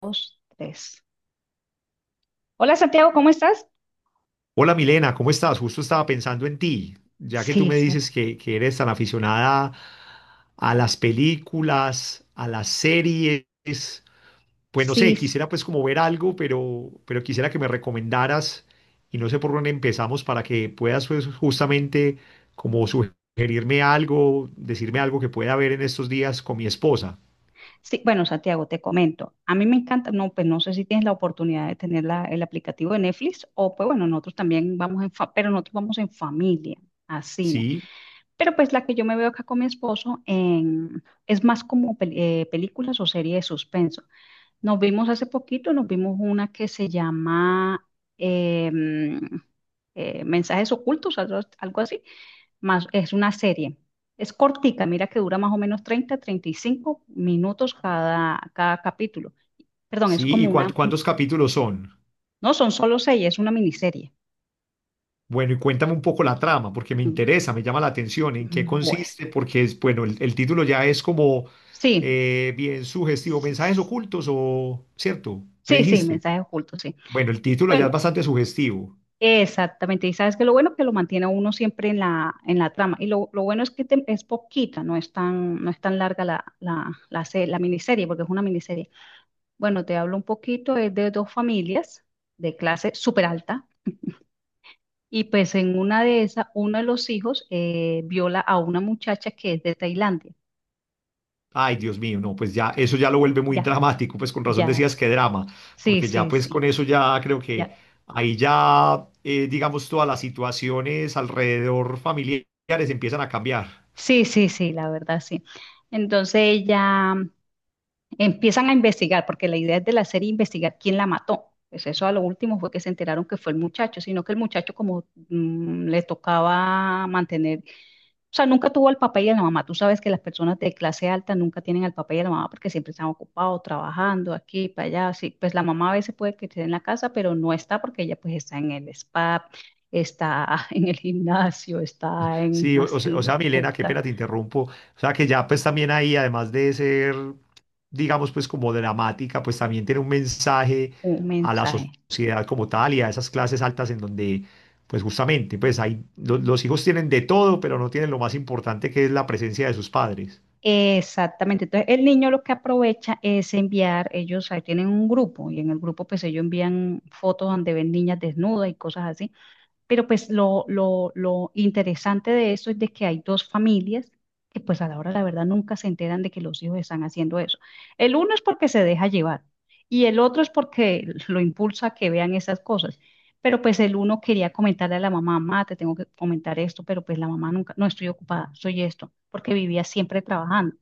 Dos, tres. Hola Santiago, ¿cómo estás? Hola Milena, ¿cómo estás? Justo estaba pensando en ti, ya que tú Sí, me dices que eres tan aficionada a las películas, a las series, pues no sé, sí, sí. quisiera pues como ver algo, pero quisiera que me recomendaras y no sé por dónde empezamos para que puedas pues justamente como sugerirme algo, decirme algo que pueda ver en estos días con mi esposa. Sí, bueno Santiago, te comento. A mí me encanta, no, pues no sé si tienes la oportunidad de tener el aplicativo de Netflix o pues bueno, nosotros también pero nosotros vamos en familia a cine. Sí, Pero pues la que yo me veo acá con mi esposo es más como películas o series de suspenso. Nos vimos hace poquito, nos vimos una que se llama em, Mensajes Ocultos, algo así. Más, es una serie. Es cortica, mira que dura más o menos treinta y cinco minutos cada capítulo. Perdón, es sí, como ¿y una, cuántos capítulos son? no son solo seis, es una miniserie. Bueno, y cuéntame un poco la trama, porque me Mm. interesa, me llama la atención, en qué Bueno, consiste, porque es, bueno, el título ya es como sí, bien sugestivo, mensajes sí, ocultos o, ¿cierto? Me sí, dijiste. mensaje oculto, sí. Bueno, el título ya es Bueno, bastante sugestivo. exactamente. Y sabes que lo bueno que lo mantiene a uno siempre en la trama. Y lo bueno es que es poquita, no es tan larga la miniserie, porque es una miniserie. Bueno, te hablo un poquito, es de dos familias de clase súper alta. Y pues en una de esas, uno de los hijos viola a una muchacha que es de Tailandia. Ay, Dios mío, no, pues ya eso ya lo vuelve muy Ya, dramático, pues con razón ya, decías que drama, sí, porque ya sí, pues con sí, eso ya creo que ya. ahí ya, digamos, todas las situaciones alrededor familiares empiezan a cambiar. Sí, sí, sí, la verdad, sí. Entonces ya empiezan a investigar, porque la idea es de la serie investigar quién la mató. Pues eso a lo último fue que se enteraron que fue el muchacho, sino que el muchacho como le tocaba mantener. O sea, nunca tuvo el papá y la mamá. Tú sabes que las personas de clase alta nunca tienen al papá y a la mamá porque siempre están ocupados, trabajando aquí, para allá. Sí, pues la mamá a veces puede que esté en la casa, pero no está porque ella pues está en el spa, está en el gimnasio, está en Sí, o, o sea, o haciendo sea, Milena, qué compras, pena te interrumpo. O sea, que ya pues también ahí, además de ser, digamos, pues como dramática, pues también tiene un mensaje un a la mensaje. sociedad como tal y a esas clases altas en donde, pues justamente, pues hay, los hijos tienen de todo, pero no tienen lo más importante que es la presencia de sus padres. Exactamente. Entonces, el niño lo que aprovecha es enviar, ellos ahí tienen un grupo y en el grupo pues ellos envían fotos donde ven niñas desnudas y cosas así. Pero pues lo interesante de eso es de que hay dos familias que pues a la hora de la verdad nunca se enteran de que los hijos están haciendo eso. El uno es porque se deja llevar y el otro es porque lo impulsa a que vean esas cosas. Pero pues el uno quería comentarle a la mamá, mamá, te tengo que comentar esto, pero pues la mamá nunca, no estoy ocupada, soy esto, porque vivía siempre trabajando.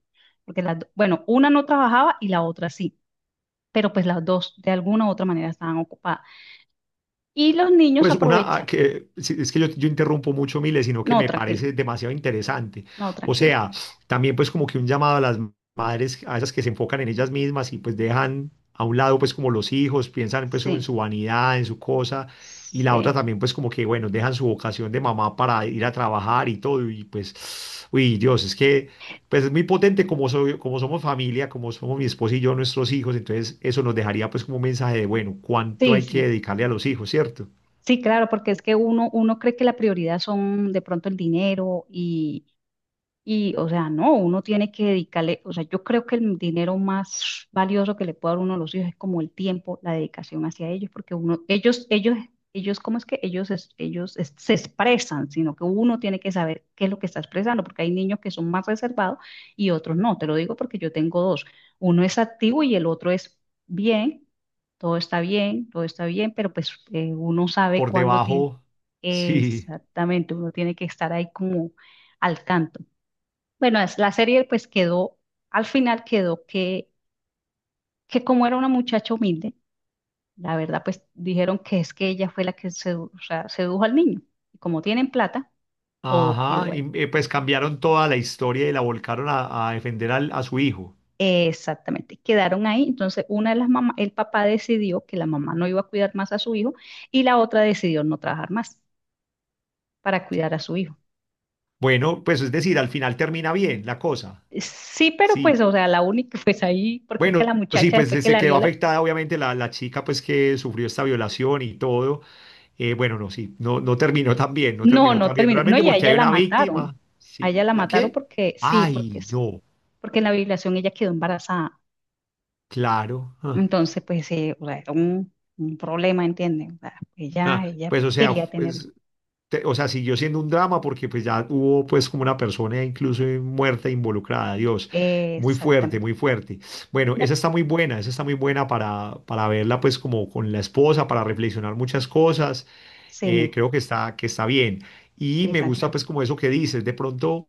Porque bueno, una no trabajaba y la otra sí, pero pues las dos de alguna u otra manera estaban ocupadas. Y los niños Pues una, aprovechan, ah, que sí, es que yo interrumpo mucho, Mile, sino que no, me tranquilo. parece demasiado interesante. No, O tranquilo. sea, también pues como que un llamado a las madres, a esas que se enfocan en ellas mismas y pues dejan a un lado pues como los hijos, piensan pues en su Sí, vanidad, en su cosa, y la otra sí, también pues como que, bueno, dejan su vocación de mamá para ir a trabajar y todo, y pues, uy, Dios, es que pues es muy potente como, soy, como somos familia, como somos mi esposo y yo, nuestros hijos, entonces eso nos dejaría pues como un mensaje de, bueno, cuánto sí, hay que sí. dedicarle a los hijos, ¿cierto? Sí, claro, porque es que uno, cree que la prioridad son de pronto el dinero. Y, o sea, no, uno tiene que dedicarle, o sea, yo creo que el dinero más valioso que le puede dar uno a los hijos es como el tiempo, la dedicación hacia ellos, porque uno, ellos, ¿cómo es que ellos se expresan? Sino que uno tiene que saber qué es lo que está expresando, porque hay niños que son más reservados y otros no. Te lo digo porque yo tengo dos. Uno es activo y el otro es bien, todo está bien, todo está bien, pero pues uno sabe Por cuándo tiene. debajo, sí, Exactamente, uno tiene que estar ahí como al tanto. Bueno, la serie pues quedó, al final quedó que como era una muchacha humilde, la verdad pues dijeron que es que ella fue la que o sea, sedujo al niño. Y como tienen plata, todo quedó ajá, ahí. y pues cambiaron toda la historia y la volcaron a defender a su hijo. Exactamente, quedaron ahí. Entonces una de las mamás, el papá decidió que la mamá no iba a cuidar más a su hijo y la otra decidió no trabajar más para cuidar a su hijo. Bueno, pues es decir, al final termina bien la cosa, Sí, pero sí, pues, o sea, la única pues ahí, porque es que bueno, la sí, muchacha pues después que se la quedó vio. afectada obviamente la, la chica pues que sufrió esta violación y todo. Bueno, no, sí, no, no terminó tan bien, no No, terminó no tan bien terminó. No, realmente y a porque ella hay la una mataron. víctima, A ella sí, la ¿la mataron qué? porque, sí, porque, Ay, sí, no, porque en la violación ella quedó embarazada. claro, ah, Entonces, pues, o sea, era un problema, ¿entienden? O sea, ella, ah, ella pues o sea, quería tenerlo. pues o sea, siguió siendo un drama porque pues ya hubo pues como una persona incluso muerta involucrada, Dios. Muy fuerte, Exactamente. muy fuerte. Bueno, esa No, está muy buena, esa está muy buena para verla pues como con la esposa, para reflexionar muchas cosas. Sí, Creo que está bien. Y sí, me gusta pues Santiago. como eso que dices, de pronto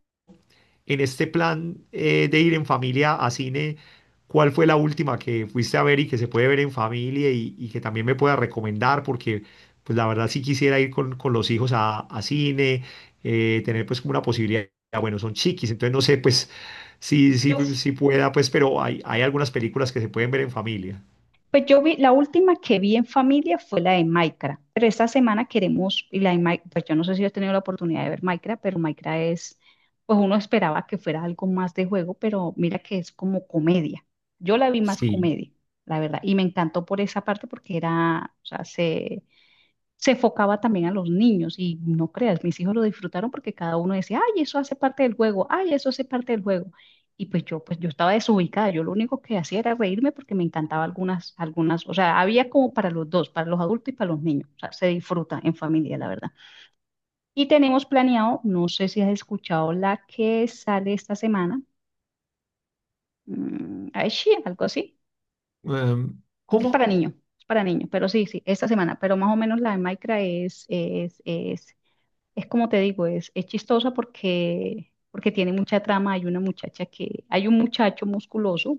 en este plan de ir en familia a cine, ¿cuál fue la última que fuiste a ver y que se puede ver en familia y que también me pueda recomendar? Porque, pues la verdad sí quisiera ir con los hijos a cine, tener pues como una posibilidad, bueno, son chiquis, entonces no sé pues si, Yo si, si pueda, pues, pero hay algunas películas que se pueden ver en familia. Pues yo vi, la última que vi en familia fue la de Minecraft, pero esta semana queremos, y la de pues yo no sé si has tenido la oportunidad de ver Minecraft, pero Minecraft es, pues uno esperaba que fuera algo más de juego, pero mira que es como comedia. Yo la vi más Sí. comedia, la verdad, y me encantó por esa parte porque era, o sea, se enfocaba también a los niños y no creas, mis hijos lo disfrutaron porque cada uno decía, ay, eso hace parte del juego, ay, eso hace parte del juego. Y pues yo estaba desubicada, yo lo único que hacía era reírme porque me encantaba algunas, o sea, había como para los dos, para los adultos y para los niños, o sea, se disfruta en familia, la verdad. Y tenemos planeado, no sé si has escuchado la que sale esta semana, ay, sí, algo así, es para ¿Cómo? niños, es para niños, pero sí, sí, esta semana, pero más o menos la de Minecraft es. Es como te digo, es chistosa porque tiene mucha trama. Hay una muchacha que, hay un muchacho musculoso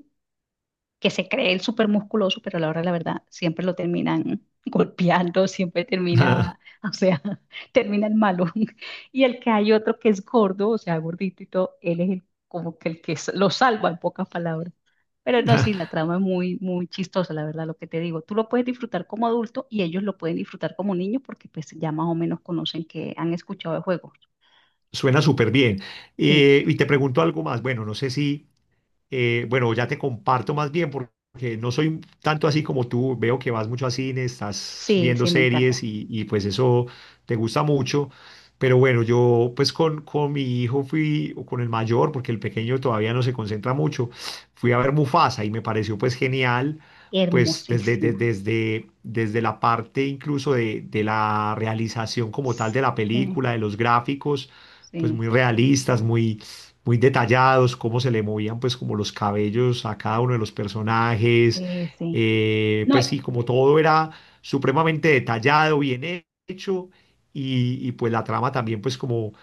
que se cree el súper musculoso, pero a la hora de la verdad siempre lo terminan golpeando, siempre termina, o sea, termina el malo. Y el que hay otro que es gordo, o sea, gordito y todo, él es como que el que lo salva en pocas palabras. Pero no, sí, la trama es muy, muy chistosa, la verdad, lo que te digo. Tú lo puedes disfrutar como adulto y ellos lo pueden disfrutar como niño porque pues ya más o menos conocen que han escuchado de juego. Suena súper bien. Sí, Y te pregunto algo más. Bueno, no sé si, bueno, ya te comparto más bien porque no soy tanto así como tú. Veo que vas mucho a cine, estás sí, viendo sí, me series encanta. Y, pues eso te gusta mucho. Pero bueno, yo pues con mi hijo fui, o con el mayor, porque el pequeño todavía no se concentra mucho, fui a ver Mufasa y me pareció pues genial, pues desde, Hermosísima. desde, desde la parte incluso de la realización como tal de Sí, la película, de los gráficos, pues muy sí, realistas, muy muy detallados, cómo se le movían pues como los cabellos a cada uno de los personajes, sí, sí. No, pues sí, como todo era supremamente detallado, bien hecho, y, pues la trama también pues como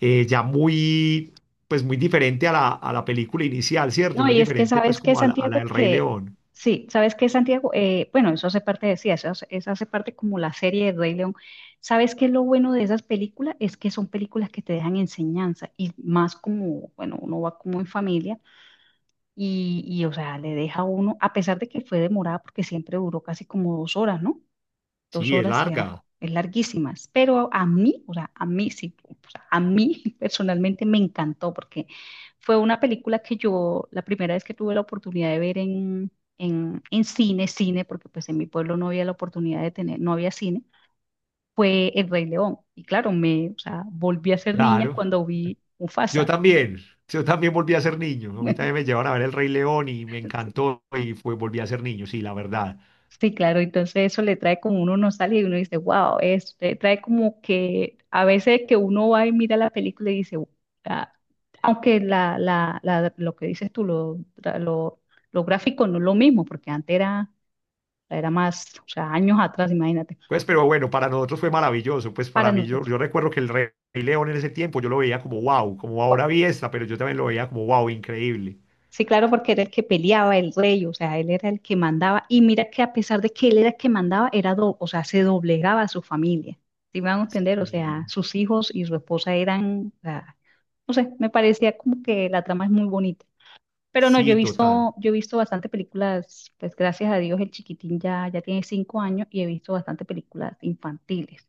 ya muy, pues muy diferente a la película inicial, ¿cierto? no, Muy y es que diferente pues sabes que como a la Santiago, del Rey que León. sí, sabes que Santiago, bueno, eso hace parte, decía, eso hace parte como la serie de Rey León. ¿Sabes que lo bueno de esas películas? Es que son películas que te dejan enseñanza y más como, bueno, uno va como en familia y, o sea, le deja a uno, a pesar de que fue demorada porque siempre duró casi como 2 horas, ¿no? dos Sí, es horas y larga, algo, es larguísimas, pero a mí, o sea, a mí sí, o sea, a mí personalmente me encantó porque fue una película que yo, la primera vez que tuve la oportunidad de ver en cine, cine, porque pues en mi pueblo no había la oportunidad de tener, no había cine, fue El Rey León. Y claro, o sea, volví a ser niña claro. cuando vi Yo Mufasa. también, yo también volví a ser niño. A mí también me llevaron a ver El Rey León y me encantó y fue, volví a ser niño, sí, la verdad. Sí, claro, entonces eso le trae como uno nostalgia y uno dice, wow, le trae como que a veces que uno va y mira la película y dice, "Ah", aunque lo que dices tú, lo gráfico no es lo mismo, porque antes era más, o sea, años atrás, imagínate, Pues, pero bueno, para nosotros fue maravilloso. Pues para para mí, yo, nosotros. yo recuerdo que el Rey León en ese tiempo yo lo veía como wow, como ahora vi esta, pero yo también lo veía como wow, increíble. Sí, claro, porque era el que peleaba, el rey, o sea, él era el que mandaba. Y mira que a pesar de que él era el que mandaba, o sea, se doblegaba a su familia. ¿Sí me van a entender? O sea, Sí, sus hijos y su esposa eran, o sea, no sé, me parecía como que la trama es muy bonita. Pero no, yo he sí, total. visto, yo he visto bastante películas, pues gracias a Dios el chiquitín ya, ya tiene 5 años y he visto bastante películas infantiles.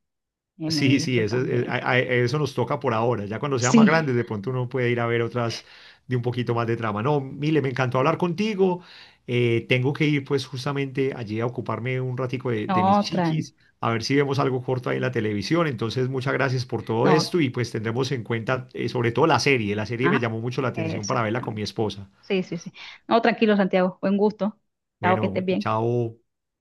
Me he Sí, sí, visto eso, también. Eso nos toca por ahora. Ya cuando sea más Sí, grande, de pronto uno puede ir a ver otras de un poquito más de trama. No, Mile, me encantó hablar contigo. Tengo que ir pues justamente allí a ocuparme un ratico de mis no, Tran. chiquis, a ver si vemos algo corto ahí en la televisión. Entonces, muchas gracias por todo No, esto y pues tendremos en cuenta sobre todo la serie. La serie me Ajá, llamó mucho la atención para verla con mi exactamente. esposa. Sí, sí, sí. No, tranquilo, Santiago. Buen gusto. Chao, que Bueno, estés bien. chao.